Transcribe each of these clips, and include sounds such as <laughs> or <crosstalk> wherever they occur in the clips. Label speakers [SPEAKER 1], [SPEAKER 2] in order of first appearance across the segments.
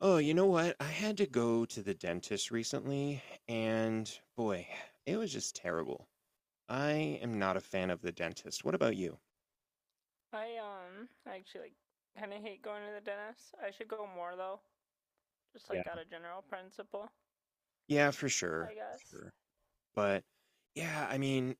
[SPEAKER 1] Oh, you know what? I had to go to the dentist recently, and boy, it was just terrible. I am not a fan of the dentist. What about you?
[SPEAKER 2] I actually like kind of hate going to the dentist. I should go more though, just
[SPEAKER 1] Yeah,
[SPEAKER 2] like out of general principle,
[SPEAKER 1] yeah, for sure.
[SPEAKER 2] I
[SPEAKER 1] For
[SPEAKER 2] guess.
[SPEAKER 1] sure. But yeah, I mean,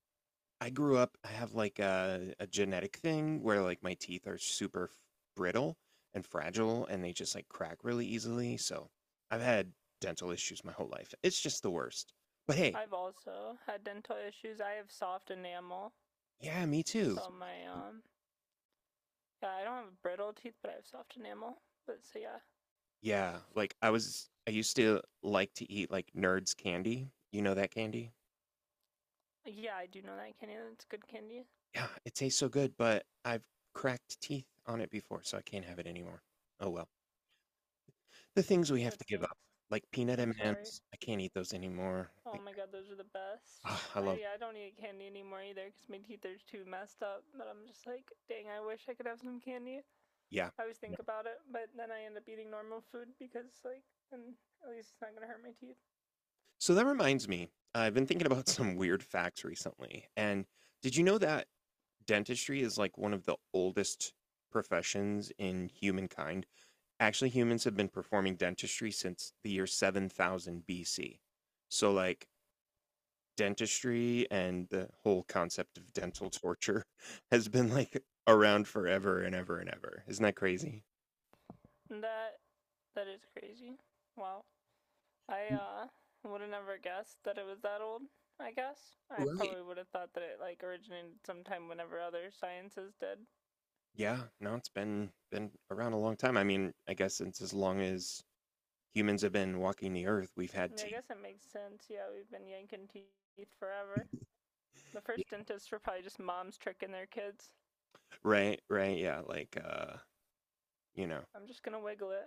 [SPEAKER 1] I grew up, I have like a genetic thing where like my teeth are super brittle and fragile and they just like crack really easily. So I've had dental issues my whole life. It's just the worst. But hey,
[SPEAKER 2] I've also had dental issues. I have soft enamel,
[SPEAKER 1] yeah, me too.
[SPEAKER 2] so my yeah, I don't have brittle teeth, but I have soft enamel. But so yeah,
[SPEAKER 1] Yeah, like, I used to like to eat, like, Nerds candy. You know that candy?
[SPEAKER 2] yeah, I do know that candy. That's good candy.
[SPEAKER 1] Yeah, it tastes so good, but I've cracked teeth on it before, so I can't have it anymore. Oh, well. The things we have
[SPEAKER 2] That
[SPEAKER 1] to give up,
[SPEAKER 2] stinks.
[SPEAKER 1] like peanut
[SPEAKER 2] I'm sorry.
[SPEAKER 1] M&Ms, I can't eat those anymore.
[SPEAKER 2] Oh
[SPEAKER 1] Like,
[SPEAKER 2] my god, those are the best.
[SPEAKER 1] ah, I love.
[SPEAKER 2] I don't eat candy anymore either because my teeth are too messed up. But I'm just like, dang, I wish I could have some candy.
[SPEAKER 1] Yeah,
[SPEAKER 2] I always
[SPEAKER 1] no.
[SPEAKER 2] think about it, but then I end up eating normal food because like then at least it's not gonna hurt my teeth.
[SPEAKER 1] So that reminds me, I've been thinking about <laughs> some weird facts recently, and did you know that dentistry is, like, one of the oldest professions in human? So, like.
[SPEAKER 2] That that is crazy. Wow. I
[SPEAKER 1] Mm.
[SPEAKER 2] uh would have never guessed that it was that old, I guess. I
[SPEAKER 1] Right.
[SPEAKER 2] probably would have thought that it like originated sometime whenever other sciences did.
[SPEAKER 1] Yeah, no, it's been around a long time. I mean, I guess since as long as humans have been walking the earth, we've had
[SPEAKER 2] Yeah, I
[SPEAKER 1] teeth.
[SPEAKER 2] guess it makes sense. Yeah, we've been yanking teeth forever. The
[SPEAKER 1] Yeah.
[SPEAKER 2] first dentists were probably just moms tricking their kids.
[SPEAKER 1] Right, right, yeah. Like I'm
[SPEAKER 2] I'm just gonna wiggle it.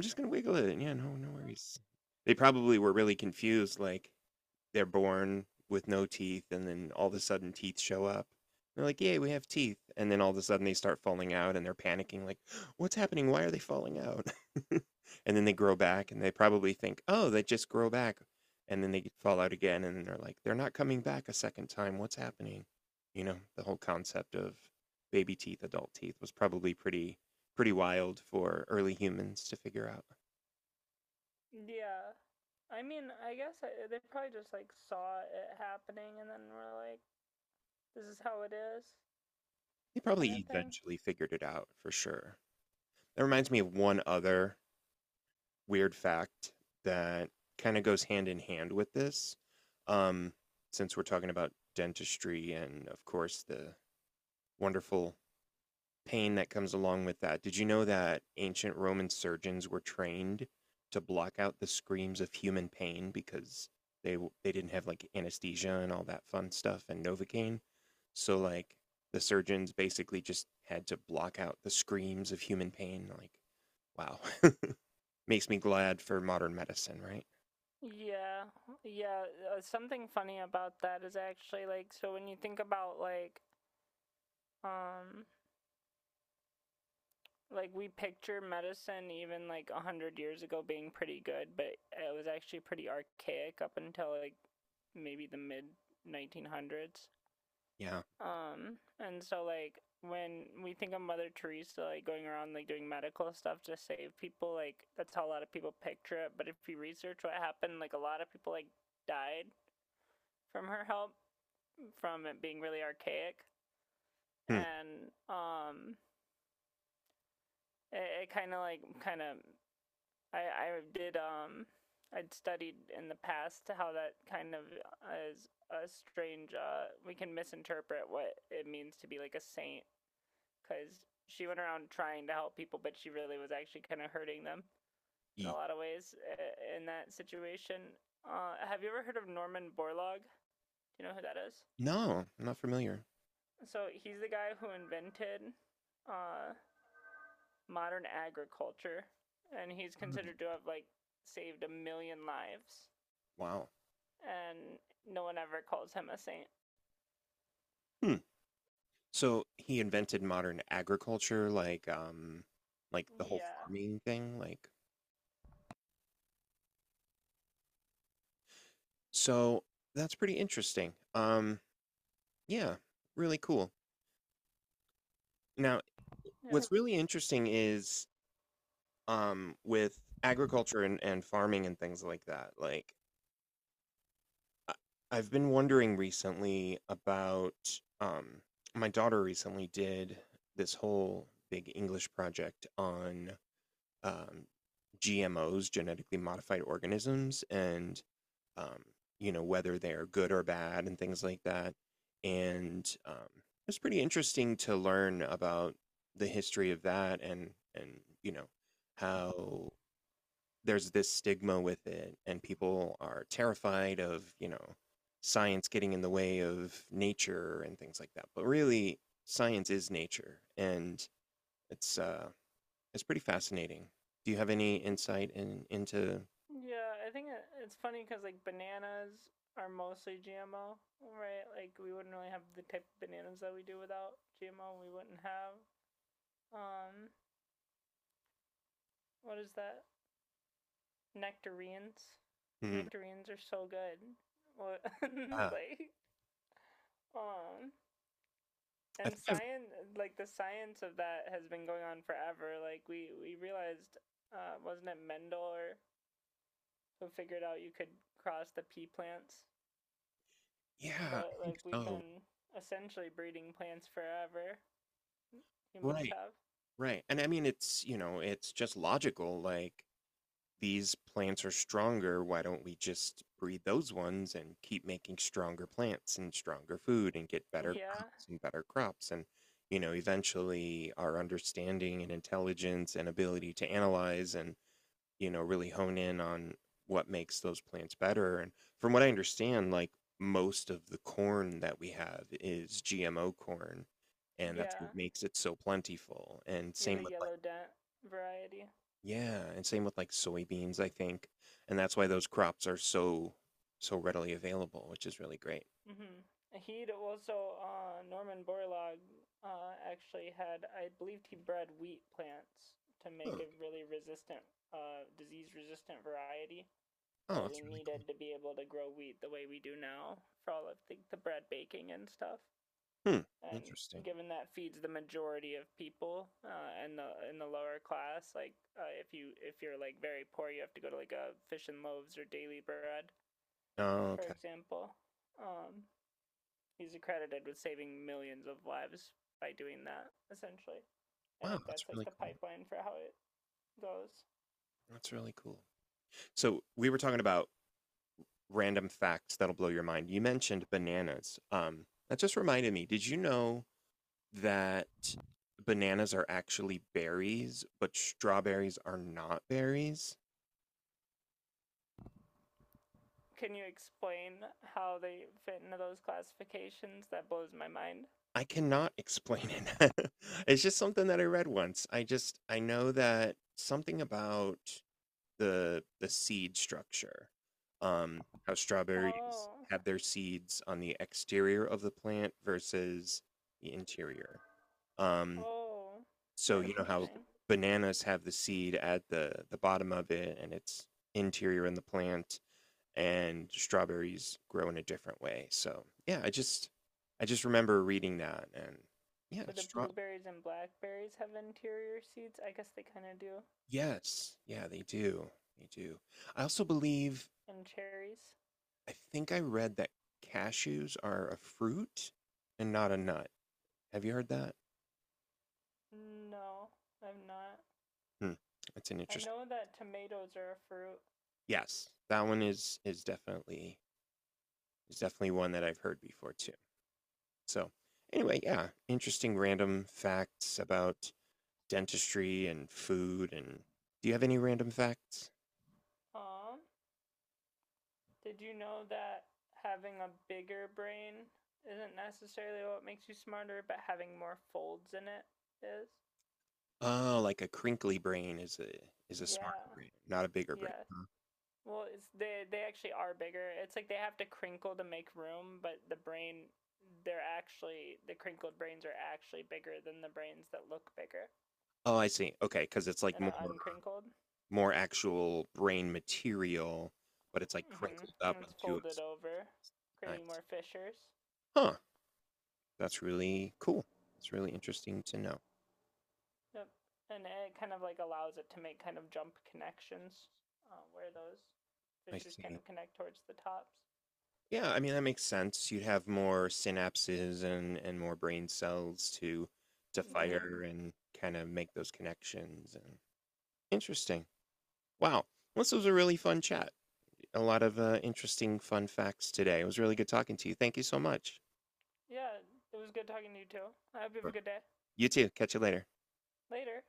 [SPEAKER 1] just gonna wiggle it. Yeah, no, no worries. They probably were really confused, like, they're born with no teeth and then all of a sudden teeth show up. They're like, "Yay, we have teeth." And then all of a sudden they start falling out and they're panicking like, "What's happening? Why are they falling out?" <laughs> And then they grow back and they probably think, "Oh, they just grow back." And then they fall out again and they're like, "They're not coming back a second time. What's happening?" You know, the whole concept of baby teeth, adult teeth was probably pretty wild for early humans to figure out.
[SPEAKER 2] Yeah. I mean, I guess I, they probably just like saw it happening and then were like, this is how it is
[SPEAKER 1] They probably
[SPEAKER 2] kind of thing.
[SPEAKER 1] eventually figured it out for sure. That reminds me of one other weird fact that kind of goes hand in hand with this. Um, since we're talking about dentistry and, of course, the wonderful pain that comes along with that, did you know that ancient Roman surgeons were trained to block out the screams of human pain because they they didn't have like anesthesia and all that fun stuff and Novocaine? So like the surgeons basically just had to block out the screams of human pain. Like, wow. <laughs> Makes me glad for modern medicine, right?
[SPEAKER 2] Yeah, yeah. Something funny about that is actually like so when you think about like um like we picture medicine even like a hundred years ago being pretty good, but it was actually pretty archaic up until like maybe the mid 1900s.
[SPEAKER 1] Yeah.
[SPEAKER 2] And so like when we think of Mother Teresa like going around like doing medical stuff to save people, like that's how a lot of people picture it. But if you research what happened, like a lot of people like died from her help from it being really archaic,
[SPEAKER 1] Hmm.
[SPEAKER 2] and it kind of like I I did um I'd studied in the past how that kind of is a strange we can misinterpret what it means to be like a saint because she went around trying to help people, but she really was actually kind of hurting them in a
[SPEAKER 1] E.
[SPEAKER 2] lot of ways in that situation. Have you ever heard of Norman Borlaug? Do you know who that is?
[SPEAKER 1] No, I'm not familiar.
[SPEAKER 2] So he's the guy who invented uh, modern agriculture, and he's
[SPEAKER 1] Mm.
[SPEAKER 2] considered to have like saved a million lives,
[SPEAKER 1] Wow.
[SPEAKER 2] and no one ever calls him a saint.
[SPEAKER 1] Hmm. So he invented modern agriculture, like the whole
[SPEAKER 2] Yeah,
[SPEAKER 1] farming thing, like so that's pretty interesting. Yeah, really cool. Now, yeah.
[SPEAKER 2] yeah.
[SPEAKER 1] What's really interesting is with agriculture and farming and things like that, like I- I've been wondering recently about my daughter recently did this whole big English project on um, GMOs, genetically modified organisms, and um, you know whether they are good or bad and things like that. And it was pretty interesting to learn about the history of that and how there's this stigma with it and people are terrified of science getting in the way of nature and things like that but really science is nature and it's uh it's pretty fascinating. Do you have any insight in into?
[SPEAKER 2] Yeah, I think it's funny because like bananas are mostly GMO, right? Like we wouldn't really have the type of bananas that we do without GMO. We wouldn't have um what is that? Nectarines.
[SPEAKER 1] Hmm.
[SPEAKER 2] Nectarines are so good. What <laughs>
[SPEAKER 1] uh,
[SPEAKER 2] like um
[SPEAKER 1] I
[SPEAKER 2] and
[SPEAKER 1] think
[SPEAKER 2] science like the science of that has been going on forever. Like we realized wasn't it Mendel or who figured out you could cross the pea plants
[SPEAKER 1] yeah, I
[SPEAKER 2] but
[SPEAKER 1] think
[SPEAKER 2] like we've
[SPEAKER 1] so.
[SPEAKER 2] been essentially breeding plants forever. Humans
[SPEAKER 1] Right,
[SPEAKER 2] have.
[SPEAKER 1] right, and I mean it's you know it's just logical, like these plants are stronger. Why don't we just breed those ones and keep making stronger plants and stronger food and get
[SPEAKER 2] Yeah,
[SPEAKER 1] better crops? And, eventually our understanding and intelligence and ability to analyze and, really hone in on what makes those plants better. And from what I understand, like most of the corn that we have is GMO corn. And that's
[SPEAKER 2] yeah,
[SPEAKER 1] what makes it so plentiful. And
[SPEAKER 2] yeah.
[SPEAKER 1] same
[SPEAKER 2] The
[SPEAKER 1] with like
[SPEAKER 2] yellow dent variety.
[SPEAKER 1] yeah, and same with like soybeans, I think. And that's why those crops are so readily available, which is really great.
[SPEAKER 2] Hmm He'd also Norman Borlaug actually had, I believed he bred wheat plants to make
[SPEAKER 1] Oh,
[SPEAKER 2] a really resistant, disease-resistant variety
[SPEAKER 1] oh,
[SPEAKER 2] that we
[SPEAKER 1] that's really cool.
[SPEAKER 2] needed to be able to grow wheat the way we do now for all of the bread baking and stuff.
[SPEAKER 1] Hmm,
[SPEAKER 2] And
[SPEAKER 1] interesting.
[SPEAKER 2] given that feeds the majority of people in the lower class, like if you if you're like very poor, you have to go to like a fish and loaves or daily bread,
[SPEAKER 1] Oh,
[SPEAKER 2] for
[SPEAKER 1] okay.
[SPEAKER 2] example. Um, he's accredited with saving millions of lives by doing that. Essentially, I
[SPEAKER 1] Wow,
[SPEAKER 2] think
[SPEAKER 1] that's
[SPEAKER 2] that's like
[SPEAKER 1] really
[SPEAKER 2] the
[SPEAKER 1] cool.
[SPEAKER 2] pipeline for how it goes.
[SPEAKER 1] That's really cool. So we were talking about random facts that'll blow your mind. You mentioned bananas. That just reminded me. Did you know that bananas are actually berries, but strawberries are not berries?
[SPEAKER 2] Can you explain how they fit into those classifications? That blows my mind.
[SPEAKER 1] I cannot explain it. <laughs> It's just something that I read once. I know that something about the seed structure, how strawberries
[SPEAKER 2] Oh,
[SPEAKER 1] have their seeds on the exterior of the plant versus the interior. Um,
[SPEAKER 2] oh,
[SPEAKER 1] so you know how
[SPEAKER 2] interesting.
[SPEAKER 1] bananas have the seed at the bottom of it and it's interior in the plant and strawberries grow in a different way. So yeah, I just remember reading that and yeah,
[SPEAKER 2] So do
[SPEAKER 1] straw
[SPEAKER 2] blueberries and blackberries have interior seeds? I guess they kind of do.
[SPEAKER 1] yes, yeah, they do. They do. I also believe
[SPEAKER 2] And cherries?
[SPEAKER 1] I think I read that cashews are a fruit and not a nut. Have you heard that?
[SPEAKER 2] No, I've not.
[SPEAKER 1] Hmm. That's an
[SPEAKER 2] I
[SPEAKER 1] interesting.
[SPEAKER 2] know that tomatoes are a fruit.
[SPEAKER 1] Yes, that one is definitely one that I've heard before too. So anyway, yeah, interesting random facts about dentistry and food and do you have any random facts?
[SPEAKER 2] Um, did you know that having a bigger brain isn't necessarily what makes you smarter, but having more folds in it is?
[SPEAKER 1] Oh, like a crinkly brain is a
[SPEAKER 2] Yeah.
[SPEAKER 1] smarter brain, not a bigger brain.
[SPEAKER 2] Yeah.
[SPEAKER 1] Huh?
[SPEAKER 2] Well, it's they actually are bigger. It's like they have to crinkle to make room, but they're actually the crinkled brains are actually bigger than the brains that look bigger
[SPEAKER 1] Oh, I see. Okay, because it's like
[SPEAKER 2] and
[SPEAKER 1] more
[SPEAKER 2] are uncrinkled.
[SPEAKER 1] more actual brain material, but it's like
[SPEAKER 2] Mm-hmm.
[SPEAKER 1] crinkled
[SPEAKER 2] And
[SPEAKER 1] up
[SPEAKER 2] it's
[SPEAKER 1] into a
[SPEAKER 2] folded over,
[SPEAKER 1] I
[SPEAKER 2] creating
[SPEAKER 1] see.
[SPEAKER 2] more fissures.
[SPEAKER 1] Huh. That's really cool. It's really interesting to know.
[SPEAKER 2] Yep. And it kind of like allows it to make kind of jump connections where those
[SPEAKER 1] I
[SPEAKER 2] fissures kind
[SPEAKER 1] see.
[SPEAKER 2] of connect towards the tops.
[SPEAKER 1] Yeah, I mean that makes sense. You'd have more synapses and more brain cells to
[SPEAKER 2] Yeah.
[SPEAKER 1] fire and kind of make those connections and interesting. Wow. Well, this was a really fun chat. A lot of interesting fun facts today. It was really good talking to you. Thank you so much.
[SPEAKER 2] Yeah. It was good talking to you too. I hope you have a
[SPEAKER 1] Sure.
[SPEAKER 2] good day.
[SPEAKER 1] You too. Catch you later.
[SPEAKER 2] Later.